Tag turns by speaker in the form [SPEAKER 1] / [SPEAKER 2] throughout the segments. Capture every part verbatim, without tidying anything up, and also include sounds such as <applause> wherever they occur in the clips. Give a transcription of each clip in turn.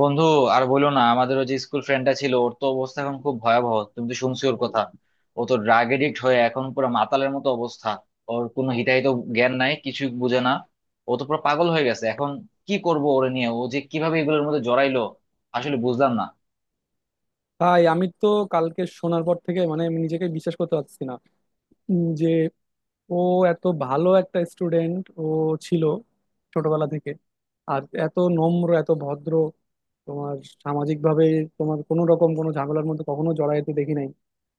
[SPEAKER 1] বন্ধু, আর বলো না। আমাদের ওই যে স্কুল ফ্রেন্ডটা ছিল, ওর তো অবস্থা এখন খুব ভয়াবহ। তুমি তো শুনছো ওর কথা। ও তো ড্রাগ এডিক্ট হয়ে এখন পুরো মাতালের মতো অবস্থা। ওর কোনো হিতাহিত জ্ঞান নাই, কিছু বুঝে না। ও তো পুরো পাগল হয়ে গেছে এখন। কি করব ওরে নিয়ে? ও যে কিভাবে এগুলোর মধ্যে জড়াইলো আসলে বুঝলাম না।
[SPEAKER 2] ভাই আমি তো কালকে শোনার পর থেকে মানে আমি নিজেকে বিশ্বাস করতে পারছি না উম, যে ও এত ভালো একটা স্টুডেন্ট ও ছিল ছোটবেলা থেকে। আর এত নম্র এত ভদ্র, তোমার সামাজিক ভাবে তোমার কোনো রকম কোনো ঝামেলার মধ্যে কখনো জড়াইতে দেখি নাই।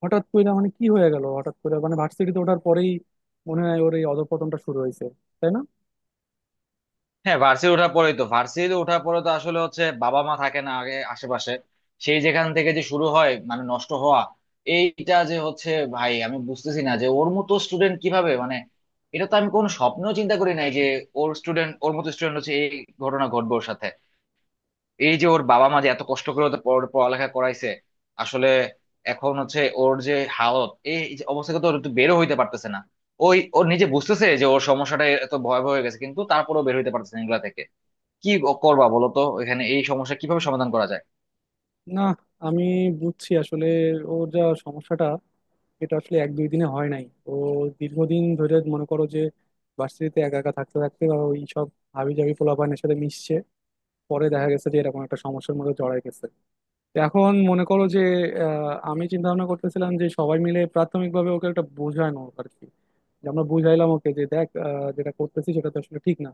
[SPEAKER 2] হঠাৎ করে মানে কি হয়ে গেল, হঠাৎ করে মানে ভার্সিটিতে ওঠার পরেই মনে হয় ওর এই অধঃপতনটা শুরু হয়েছে, তাই না?
[SPEAKER 1] হ্যাঁ, ভার্সিটি ওঠার পরেই তো ভার্সিটি ওঠার পরে তো আসলে হচ্ছে বাবা মা থাকে না আগে আশেপাশে, সেই যেখান থেকে যে শুরু হয় মানে নষ্ট হওয়া। এইটা যে হচ্ছে, ভাই আমি বুঝতেছি না যে ওর মতো স্টুডেন্ট কিভাবে মানে, এটা তো আমি কোনো স্বপ্নেও চিন্তা করি নাই যে ওর স্টুডেন্ট ওর মতো স্টুডেন্ট হচ্ছে এই ঘটনা ঘটবে ওর সাথে। এই যে ওর বাবা মা যে এত কষ্ট করে ওদের পড়া- পড়ালেখা করাইছে আসলে, এখন হচ্ছে ওর যে হালত, এই যে অবস্থা থেকে তো ওর একটু বেরো হইতে পারতেছে না। ওই, ওর নিজে বুঝতেছে যে ওর সমস্যাটা এত ভয়াবহ হয়ে গেছে কিন্তু তারপরেও বের হইতে পারতেছে না এগুলা থেকে। কি করবা বলো তো, এখানে এই সমস্যা কিভাবে সমাধান করা যায়?
[SPEAKER 2] না, আমি বুঝছি আসলে ওর যা সমস্যাটা, এটা আসলে এক দুই দিনে হয় নাই। ও দীর্ঘদিন ধরে মনে করো যে ভার্সিটিতে একা একা থাকতে থাকতে বা ওই সব হাবি জাবি পোলাপানের সাথে মিশছে, পরে দেখা গেছে যে এরকম একটা সমস্যার মধ্যে জড়ায় গেছে। তো এখন মনে করো যে আহ, আমি চিন্তা ভাবনা করতেছিলাম যে সবাই মিলে প্রাথমিকভাবে ওকে একটা বোঝানো আর কি, যে আমরা বুঝাইলাম ওকে যে দেখ আহ, যেটা করতেছি সেটা তো আসলে ঠিক না।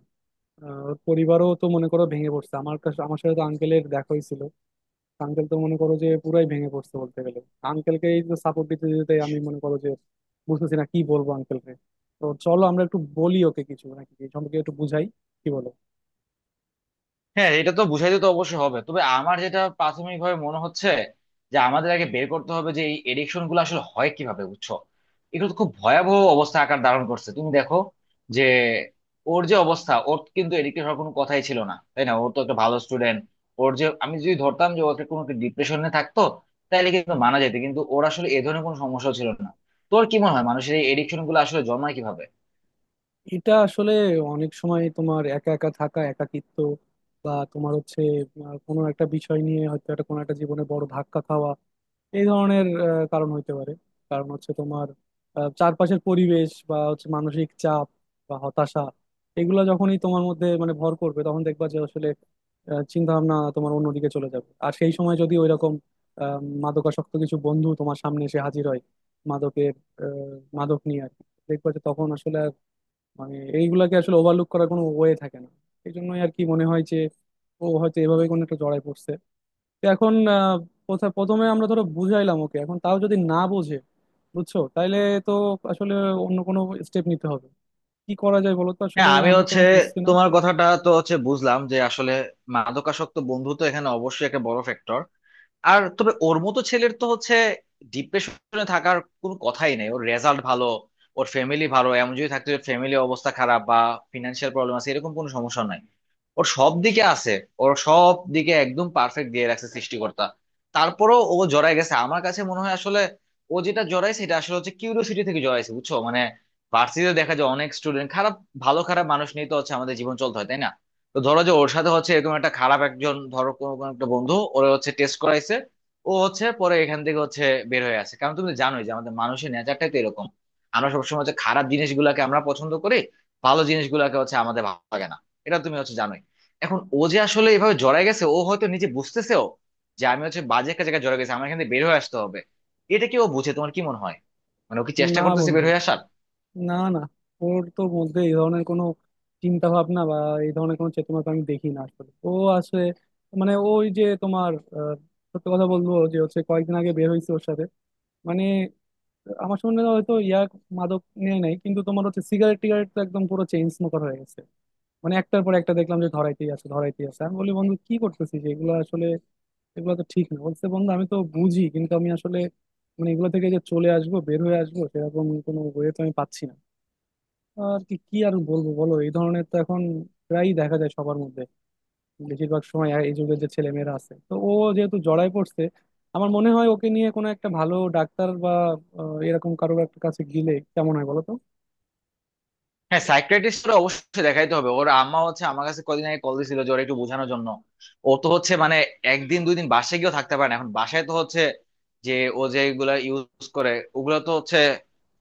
[SPEAKER 2] আহ, ওর পরিবারও তো মনে করো ভেঙে পড়ছে, আমার কাছে আমার সাথে তো আঙ্কেলের দেখা হয়েছিল, আঙ্কেল তো মনে করো যে পুরাই ভেঙে পড়ছে বলতে গেলে। আঙ্কেলকে এই তো সাপোর্ট দিতে দিতে আমি মনে করো যে বুঝতেছি না কি বলবো আঙ্কেলকে। তো চলো আমরা একটু বলি ওকে কিছু, নাকি এই সম্পর্কে একটু বুঝাই, কি বলো?
[SPEAKER 1] হ্যাঁ, এটা তো বুঝাইতে তো অবশ্যই হবে, তবে আমার যেটা প্রাথমিকভাবে মনে হচ্ছে যে আমাদের আগে বের করতে হবে যে এই এডিকশন গুলো আসলে হয় কিভাবে, বুঝছো? এগুলো তো খুব ভয়াবহ অবস্থা আকার ধারণ করছে, তুমি দেখো যে ওর যে অবস্থা, ওর কিন্তু এডিক্টেড হওয়ার কোনো কথাই ছিল না, তাই না? ওর তো একটা ভালো স্টুডেন্ট। ওর যে, আমি যদি ধরতাম যে ওকে কোনো ডিপ্রেশনে থাকতো তাহলে কিন্তু মানা যেত, কিন্তু ওর আসলে এ ধরনের কোনো সমস্যা ছিল না। তোর কি মনে হয় মানুষের এই এডিকশন গুলো আসলে জন্মায় কিভাবে?
[SPEAKER 2] এটা আসলে অনেক সময় তোমার একা একা থাকা, একাকিত্ব, বা তোমার হচ্ছে আহ, কোনো একটা বিষয় নিয়ে হয়তো একটা কোনো একটা জীবনে বড় ধাক্কা খাওয়া, এই ধরনের আহ, কারণ হইতে পারে। কারণ হচ্ছে তোমার আহ, চারপাশের পরিবেশ বা হচ্ছে মানসিক চাপ বা হতাশা, এগুলা যখনই তোমার মধ্যে মানে ভর করবে তখন দেখবা যে আসলে চিন্তা ভাবনা তোমার অন্যদিকে চলে যাবে। আর সেই সময় যদি ওইরকম আহ, মাদকাসক্ত কিছু বন্ধু তোমার সামনে এসে হাজির হয়, মাদকের আহ, মাদক নিয়ে আর কি, দেখবা যে তখন আসলে আর মানে এইগুলাকে আসলে ওভারলুক করার কোনো ওয়ে থাকে না। এই জন্যই আর কি মনে হয় যে ও হয়তো এভাবে কোনো একটা জড়ায় পড়ছে। তো এখন আহ, প্রথা- প্রথমে আমরা ধরো বুঝাইলাম ওকে, এখন তাও যদি না বোঝে, বুঝছো, তাইলে তো আসলে অন্য কোনো স্টেপ নিতে হবে। কি করা যায় বলো তো, আসলে
[SPEAKER 1] হ্যাঁ, আমি
[SPEAKER 2] আমি তো
[SPEAKER 1] হচ্ছে
[SPEAKER 2] বুঝছি না।
[SPEAKER 1] তোমার কথাটা তো হচ্ছে বুঝলাম যে আসলে মাদকাসক্ত বন্ধু তো এখানে অবশ্যই একটা বড় ফ্যাক্টর। আর তবে ওর মতো ছেলের তো হচ্ছে ডিপ্রেশনে থাকার কোনো কথাই নেই। ওর রেজাল্ট ভালো, ওর ফ্যামিলি ভালো। এমন যদি থাকতে ফ্যামিলি অবস্থা খারাপ বা ফিনান্সিয়াল প্রবলেম আছে, এরকম কোনো সমস্যা নাই। ওর সব দিকে আছে, ওর সব দিকে একদম পারফেক্ট দিয়ে রাখছে সৃষ্টিকর্তা। তারপরও ও জড়ায় গেছে। আমার কাছে মনে হয় আসলে ও যেটা জড়াইছে এটা আসলে হচ্ছে কিউরিওসিটি থেকে জড়াইছে, বুঝছো? মানে ভার্সিটিতে দেখা যায় অনেক স্টুডেন্ট খারাপ, ভালো খারাপ মানুষ নিয়ে তো হচ্ছে আমাদের জীবন চলতে হয়, তাই না? তো ধরো যে ওর সাথে হচ্ছে এরকম একটা খারাপ একজন ধরো কোনো কোনো একটা বন্ধু ওরে হচ্ছে টেস্ট করাইছে, ও হচ্ছে পরে এখান থেকে হচ্ছে বের হয়ে আসে। কারণ তুমি তো জানোই যে আমাদের মানুষের নেচারটাই তো এরকম, আমরা সবসময় হচ্ছে খারাপ জিনিসগুলোকে আমরা পছন্দ করি, ভালো জিনিসগুলোকে হচ্ছে আমাদের ভালো লাগে না। এটা তুমি হচ্ছে জানোই। এখন ও যে আসলে এভাবে জড়ায় গেছে, ও হয়তো নিজে বুঝতেছেও যে আমি হচ্ছে বাজে একটা জায়গায় জড়ায় গেছি, আমার এখান থেকে বের হয়ে আসতে হবে। এটা কি ও বুঝে, তোমার কি মনে হয়? মানে ও কি চেষ্টা
[SPEAKER 2] না
[SPEAKER 1] করতেছে বের
[SPEAKER 2] বন্ধু,
[SPEAKER 1] হয়ে আসার?
[SPEAKER 2] না, না, ওর তো মধ্যে এই ধরনের কোনো চিন্তা ভাবনা বা এই ধরনের কোনো চেতনা তো আমি দেখি না আসলে। ও আছে মানে ওই যে তোমার আহ, সত্যি কথা বলবো যে হচ্ছে কয়েকদিন আগে বের হয়েছে ওর সাথে মানে আমার সঙ্গে, হয়তো ইয়াক মাদক নিয়ে নাই কিন্তু তোমার হচ্ছে সিগারেট টিগারেট তো একদম পুরো চেইন স্মোকার হয়ে গেছে। মানে একটার পর একটা দেখলাম যে ধরাইতেই আছে ধরাইতেই আছে। আমি বলি বন্ধু কি করতেছিস এগুলো আসলে, এগুলো তো ঠিক না। বলছে বন্ধু আমি তো বুঝি, কিন্তু আমি আসলে মানে এগুলো থেকে যে চলে আসবো, বের হয়ে আসবো সেরকম কোনো ওয়ে তো আমি পাচ্ছি না। আর কি কি আর বলবো বলো, এই ধরনের তো এখন প্রায়ই দেখা যায় সবার মধ্যে, বেশিরভাগ সময় এই যুগের যে ছেলে মেয়েরা আছে। তো ও যেহেতু জড়ায় পড়ছে, আমার মনে হয় ওকে নিয়ে কোনো একটা ভালো ডাক্তার বা আহ, এরকম কারোর একটা কাছে গেলে কেমন হয় বলো তো?
[SPEAKER 1] হ্যাঁ, সাইকিয়াট্রিস্ট অবশ্যই দেখাইতে হবে। ওর আম্মা হচ্ছে আমার কাছে কদিন আগে কল দিছিল যে ওর একটু বোঝানোর জন্য। ও তো হচ্ছে মানে একদিন দুই দিন বাসায় গিয়েও থাকতে পারে না এখন। বাসায় তো হচ্ছে যে ও যেগুলা ইউজ করে ওগুলো তো হচ্ছে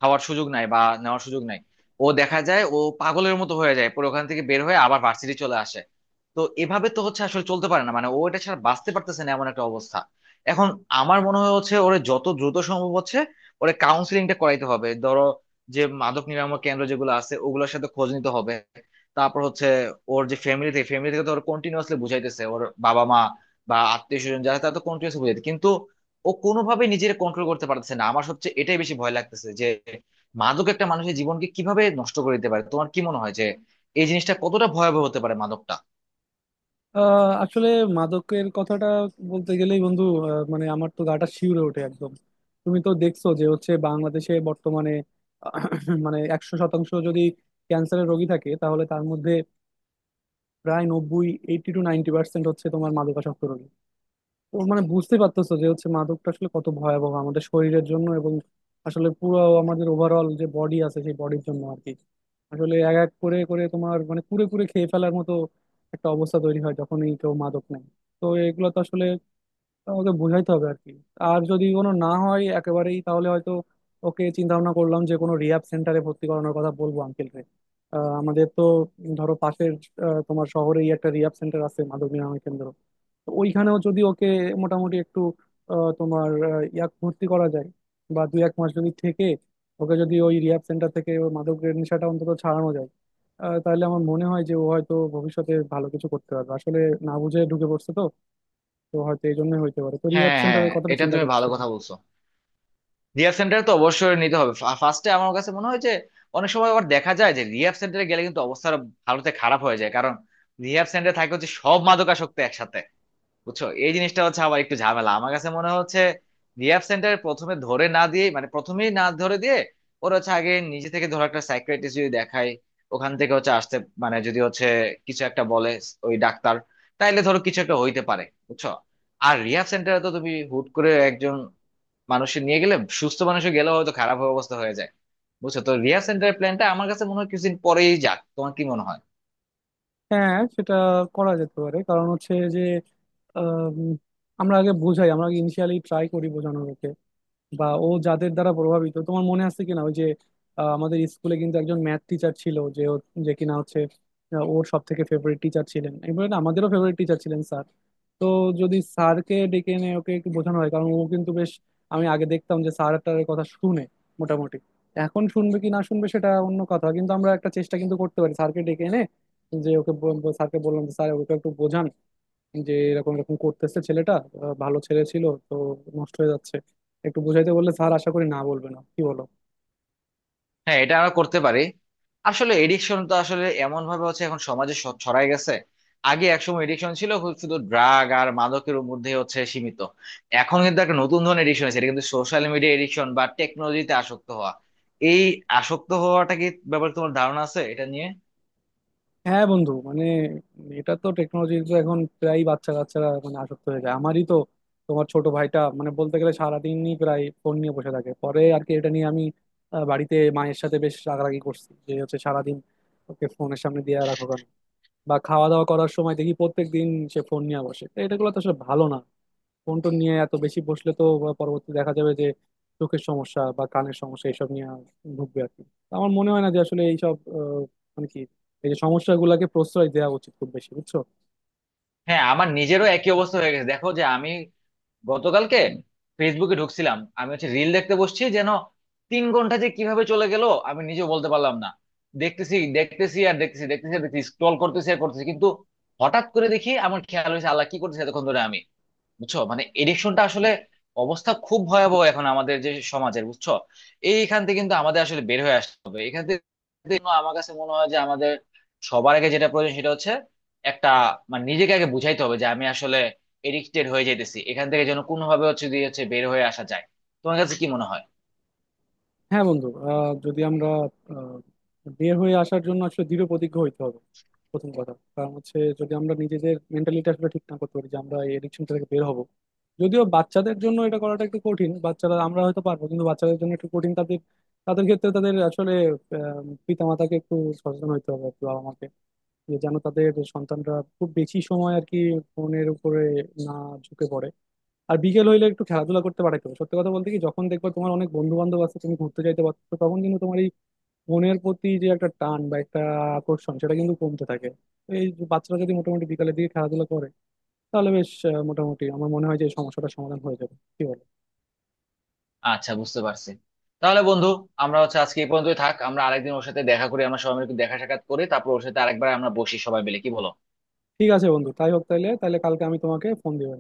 [SPEAKER 1] খাওয়ার সুযোগ নাই বা নেওয়ার সুযোগ নাই। ও দেখা যায় ও পাগলের মতো হয়ে যায়, পরে ওখান থেকে বের হয়ে আবার ভার্সিটি চলে আসে। তো এভাবে তো হচ্ছে আসলে চলতে পারে না, মানে ও এটা ছাড়া বাঁচতে পারতেছে না, এমন একটা অবস্থা। এখন আমার মনে হয় হচ্ছে ওরে যত দ্রুত সম্ভব হচ্ছে ওরে কাউন্সিলিংটা করাইতে হবে। ধরো যে মাদক নিরাময় কেন্দ্র যেগুলো আছে ওগুলোর সাথে খোঁজ নিতে হবে। তারপর হচ্ছে ওর যে ফ্যামিলি থেকে ফ্যামিলি থেকে তো ওর কন্টিনিউয়াসলি বুঝাইতেছে ওর বাবা মা বা আত্মীয় স্বজন যারা, তারা তো কন্টিনিউয়াসলি বুঝাইতে কিন্তু ও কোনোভাবে নিজের কন্ট্রোল করতে পারতেছে না। আমার সবচেয়ে এটাই বেশি ভয় লাগতেছে যে মাদক একটা মানুষের জীবনকে কিভাবে নষ্ট করে দিতে পারে। তোমার কি মনে হয় যে এই জিনিসটা কতটা ভয়াবহ হতে পারে মাদকটা?
[SPEAKER 2] আহ, আসলে মাদকের কথাটা বলতে গেলেই বন্ধু আহ, মানে আমার তো গাটা শিউরে ওঠে একদম। তুমি তো দেখছো যে হচ্ছে বাংলাদেশে বর্তমানে <coughs> আহ, মানে একশো শতাংশ যদি ক্যান্সারের রোগী থাকে, তাহলে তার মধ্যে প্রায় নব্বই, এইটি টু নাইনটি পার্সেন্ট হচ্ছে তোমার মাদকাসক্ত রোগী। তো মানে বুঝতে পারতেছো যে হচ্ছে মাদকটা আসলে কত ভয়াবহ আমাদের শরীরের জন্য, এবং আসলে পুরো আমাদের ওভারঅল যে বডি আছে সেই বডির জন্য আর কি। আসলে এক এক করে করে তোমার মানে কুড়ে কুড়ে খেয়ে ফেলার মতো একটা অবস্থা তৈরি হয় যখনই কেউ মাদক নেয়। তো এগুলো তো আসলে ওকে বোঝাইতে হবে আর কি। আর যদি কোনো না হয় একেবারেই, তাহলে হয়তো ওকে, চিন্তা ভাবনা করলাম যে কোনো রিহ্যাব সেন্টারে ভর্তি করানোর কথা বলবো আঙ্কেলকে। আমাদের তো ধরো পাশের আহ, তোমার শহরেই একটা রিহ্যাব সেন্টার আছে, মাদক নিরাময় কেন্দ্র। তো ওইখানেও যদি ওকে মোটামুটি একটু আহ, তোমার আহ, ইয়াক ভর্তি করা যায়, বা দুই এক মাস যদি থেকে ওকে, যদি ওই রিহ্যাব সেন্টার থেকে ওর মাদকের নেশাটা অন্তত ছাড়ানো যায়, আহ, তাহলে আমার মনে হয় যে ও হয়তো ভবিষ্যতে ভালো কিছু করতে পারবে আসলে। না বুঝে ঢুকে পড়ছে তো, তো হয়তো এই জন্যই হইতে পারে, তো রিহ্যাব
[SPEAKER 1] হ্যাঁ, হ্যাঁ,
[SPEAKER 2] সেন্টারের কথাটা
[SPEAKER 1] এটা
[SPEAKER 2] চিন্তা
[SPEAKER 1] তুমি ভালো
[SPEAKER 2] করতেছিলাম।
[SPEAKER 1] কথা বলছো। রিহাব সেন্টার তো অবশ্যই নিতে হবে। ফার্স্টে আমার কাছে মনে হয় যে অনেক সময় আবার দেখা যায় যে রিহাব সেন্টারে গেলে কিন্তু অবস্থা আরো ভালোতে খারাপ হয়ে যায়, কারণ রিহাব সেন্টারে থাকে হচ্ছে সব মাদকাসক্ত একসাথে, বুঝছো? এই জিনিসটা হচ্ছে আবার একটু ঝামেলা। আমার কাছে মনে হচ্ছে রিহ্যাব সেন্টার প্রথমে ধরে না দিয়ে, মানে প্রথমেই না ধরে দিয়ে, ওরা হচ্ছে আগে নিজে থেকে ধরো একটা সাইকিয়াট্রিস্ট যদি দেখায়, ওখান থেকে হচ্ছে আসতে, মানে যদি হচ্ছে কিছু একটা বলে ওই ডাক্তার, তাইলে ধরো কিছু একটা হইতে পারে, বুঝছো? আর রিহ্যাব সেন্টারে তো তুমি হুট করে একজন মানুষের নিয়ে গেলে সুস্থ মানুষের গেলেও হয়তো খারাপ অবস্থা হয়ে যায়, বুঝছো? তো রিহ্যাব সেন্টারের প্ল্যানটা আমার কাছে মনে হয় কিছুদিন পরেই যাক, তোমার কি মনে হয়?
[SPEAKER 2] হ্যাঁ, সেটা করা যেতে পারে। কারণ হচ্ছে যে আম, আমরা আগে বুঝাই, আমরা আগে ইনিশিয়ালি ট্রাই করি বোঝানোর, বা ও যাদের দ্বারা প্রভাবিত, তোমার মনে আছে কিনা ওই যে আহ, আমাদের স্কুলে কিন্তু একজন ম্যাথ টিচার ছিল যে ও- যে কিনা হচ্ছে আহ, ওর সব থেকে ফেভারিট টিচার ছিলেন, এবারে না, আমাদেরও ফেভারিট টিচার ছিলেন স্যার। তো যদি স্যারকে ডেকে এনে ওকে একটু বোঝানো হয়, কারণ ও কিন্তু বেশ, আমি আগে দেখতাম যে স্যারটার কথা শুনে মোটামুটি, এখন শুনবে কি না শুনবে সেটা অন্য কথা, কিন্তু আমরা একটা চেষ্টা কিন্তু করতে পারি স্যারকে ডেকে এনে, যে ওকে, স্যারকে বললাম যে স্যার ওকে একটু বোঝান, যে এরকম এরকম করতেছে ছেলেটা, আহ, ভালো ছেলে ছিল তো, নষ্ট হয়ে যাচ্ছে, একটু বুঝাইতে বললে স্যার আশা করি না বলবে না, কি বলো?
[SPEAKER 1] হ্যাঁ, এটা আমরা করতে পারি। আসলে এডিকশন তো আসলে এমন ভাবে হচ্ছে এখন সমাজে স- ছড়ায় গেছে। আগে একসময় এডিকশন ছিল হু- শুধু ড্রাগ আর মাদকের মধ্যে হচ্ছে সীমিত, এখন কিন্তু একটা নতুন ধরনের এডিকশন আছে, এটা কিন্তু সোশ্যাল মিডিয়া এডিকশন বা টেকনোলজিতে আসক্ত হওয়া। এই আসক্ত হওয়াটা কি ব্যাপারে তোমার ধারণা আছে এটা নিয়ে?
[SPEAKER 2] হ্যাঁ বন্ধু মানে এটা তো টেকনোলজি তো এখন প্রায় বাচ্চা কাচ্চারা মানে আসক্ত হয়ে যায়। আমারই তো তোমার ছোট ভাইটা মানে বলতে গেলে সারাদিনই প্রায় ফোন নিয়ে বসে থাকে। পরে আর কি এটা নিয়ে আমি আহ, বাড়িতে মায়ের সাথে বেশ রাগারাগি করছি যে হচ্ছে সারাদিন ওকে ফোনের সামনে দিয়ে রাখো কেন, বা খাওয়া দাওয়া করার সময় দেখি প্রত্যেক দিন সে ফোন নিয়ে বসে। তো এটাগুলো তো আসলে ভালো না। ফোন টোন নিয়ে এত বেশি বসলে তো পরবর্তী দেখা যাবে যে চোখের সমস্যা বা কানের সমস্যা এইসব নিয়ে ভুগবে আর কি। তো আমার মনে হয় না যে আসলে এইসব আহ, মানে কি এই যে সমস্যাগুলোকে প্রশ্রয় দেওয়া উচিত খুব বেশি, বুঝছো?
[SPEAKER 1] হ্যাঁ, আমার নিজেরও একই অবস্থা হয়ে গেছে। দেখো যে আমি গতকালকে ফেসবুকে ঢুকছিলাম, আমি হচ্ছে রিল দেখতে বসছি, যেন তিন ঘন্টা যে কিভাবে চলে গেল আমি নিজেও বলতে পারলাম না। দেখতেছি দেখতেছি আর দেখতেছি দেখতেছি আর দেখতেছি, স্ক্রল করতেছি আর করতেছি, কিন্তু হঠাৎ করে দেখি আমার খেয়াল হয়েছে আল্লাহ কি করতেছে এতক্ষণ ধরে আমি, বুঝছো? মানে এডিকশনটা আসলে অবস্থা খুব ভয়াবহ এখন আমাদের যে সমাজের, বুঝছো? এইখান থেকে কিন্তু আমাদের আসলে বের হয়ে আসতে হবে এখান থেকে, কিন্তু আমার কাছে মনে হয় যে আমাদের সবার আগে যেটা প্রয়োজন সেটা হচ্ছে একটা মানে নিজেকে আগে বুঝাইতে হবে যে আমি আসলে এডিক্টেড হয়ে যাইতেছি, এখান থেকে যেন কোনোভাবে হচ্ছে দিয়ে হচ্ছে বের হয়ে আসা যায়। তোমার কাছে কি মনে হয়?
[SPEAKER 2] হ্যাঁ বন্ধু আহ, যদি আমরা আহ, বের হয়ে আসার জন্য আসলে দৃঢ় প্রতিজ্ঞ হইতে হবে প্রথম কথা। কারণ হচ্ছে যদি আমরা নিজেদের মেন্টালিটি আসলে ঠিক না করতে পারি যে আমরা এই এডিকশন থেকে বের হব, যদিও বাচ্চাদের জন্য এটা করাটা একটু কঠিন, বাচ্চারা, আমরা হয়তো পারবো কিন্তু বাচ্চাদের জন্য একটু কঠিন, তাদের তাদের ক্ষেত্রে তাদের আসলে আহ, পিতামাতাকে একটু সচেতন হতে হবে আর কি, বাবা মাকে, যে যেন তাদের সন্তানরা খুব বেশি সময় আর কি ফোনের উপরে না ঝুঁকে পড়ে। আর বিকেল হইলে একটু খেলাধুলা করতে পাঠাতে হবে। সত্যি কথা বলতে কি, যখন দেখবা তোমার অনেক বন্ধু বান্ধব আছে, তুমি ঘুরতে যাইতে পারছো, তখন কিন্তু তোমার এই ফোনের প্রতি যে একটা টান বা একটা আকর্ষণ সেটা কিন্তু কমতে থাকে। তো এই যে বাচ্চারা যদি মোটামুটি বিকালের দিকে খেলাধুলা করে, তাহলে বেশ আহ, মোটামুটি আমার মনে হয় যে এই সমস্যাটার সমাধান হয়ে যাবে, কি বলো?
[SPEAKER 1] আচ্ছা, বুঝতে পারছি। তাহলে বন্ধু, আমরা হচ্ছে আজকে এই পর্যন্তই থাক, আমরা আরেকদিন ওর সাথে দেখা করি, আমরা সবাই মিলে একটু দেখা সাক্ষাৎ করি, তারপর ওর সাথে আরেকবার আমরা বসি সবাই মিলে, কি বলো?
[SPEAKER 2] ঠিক আছে বন্ধু, তাই হোক তাইলে। তাহলে কালকে আমি তোমাকে ফোন দিব।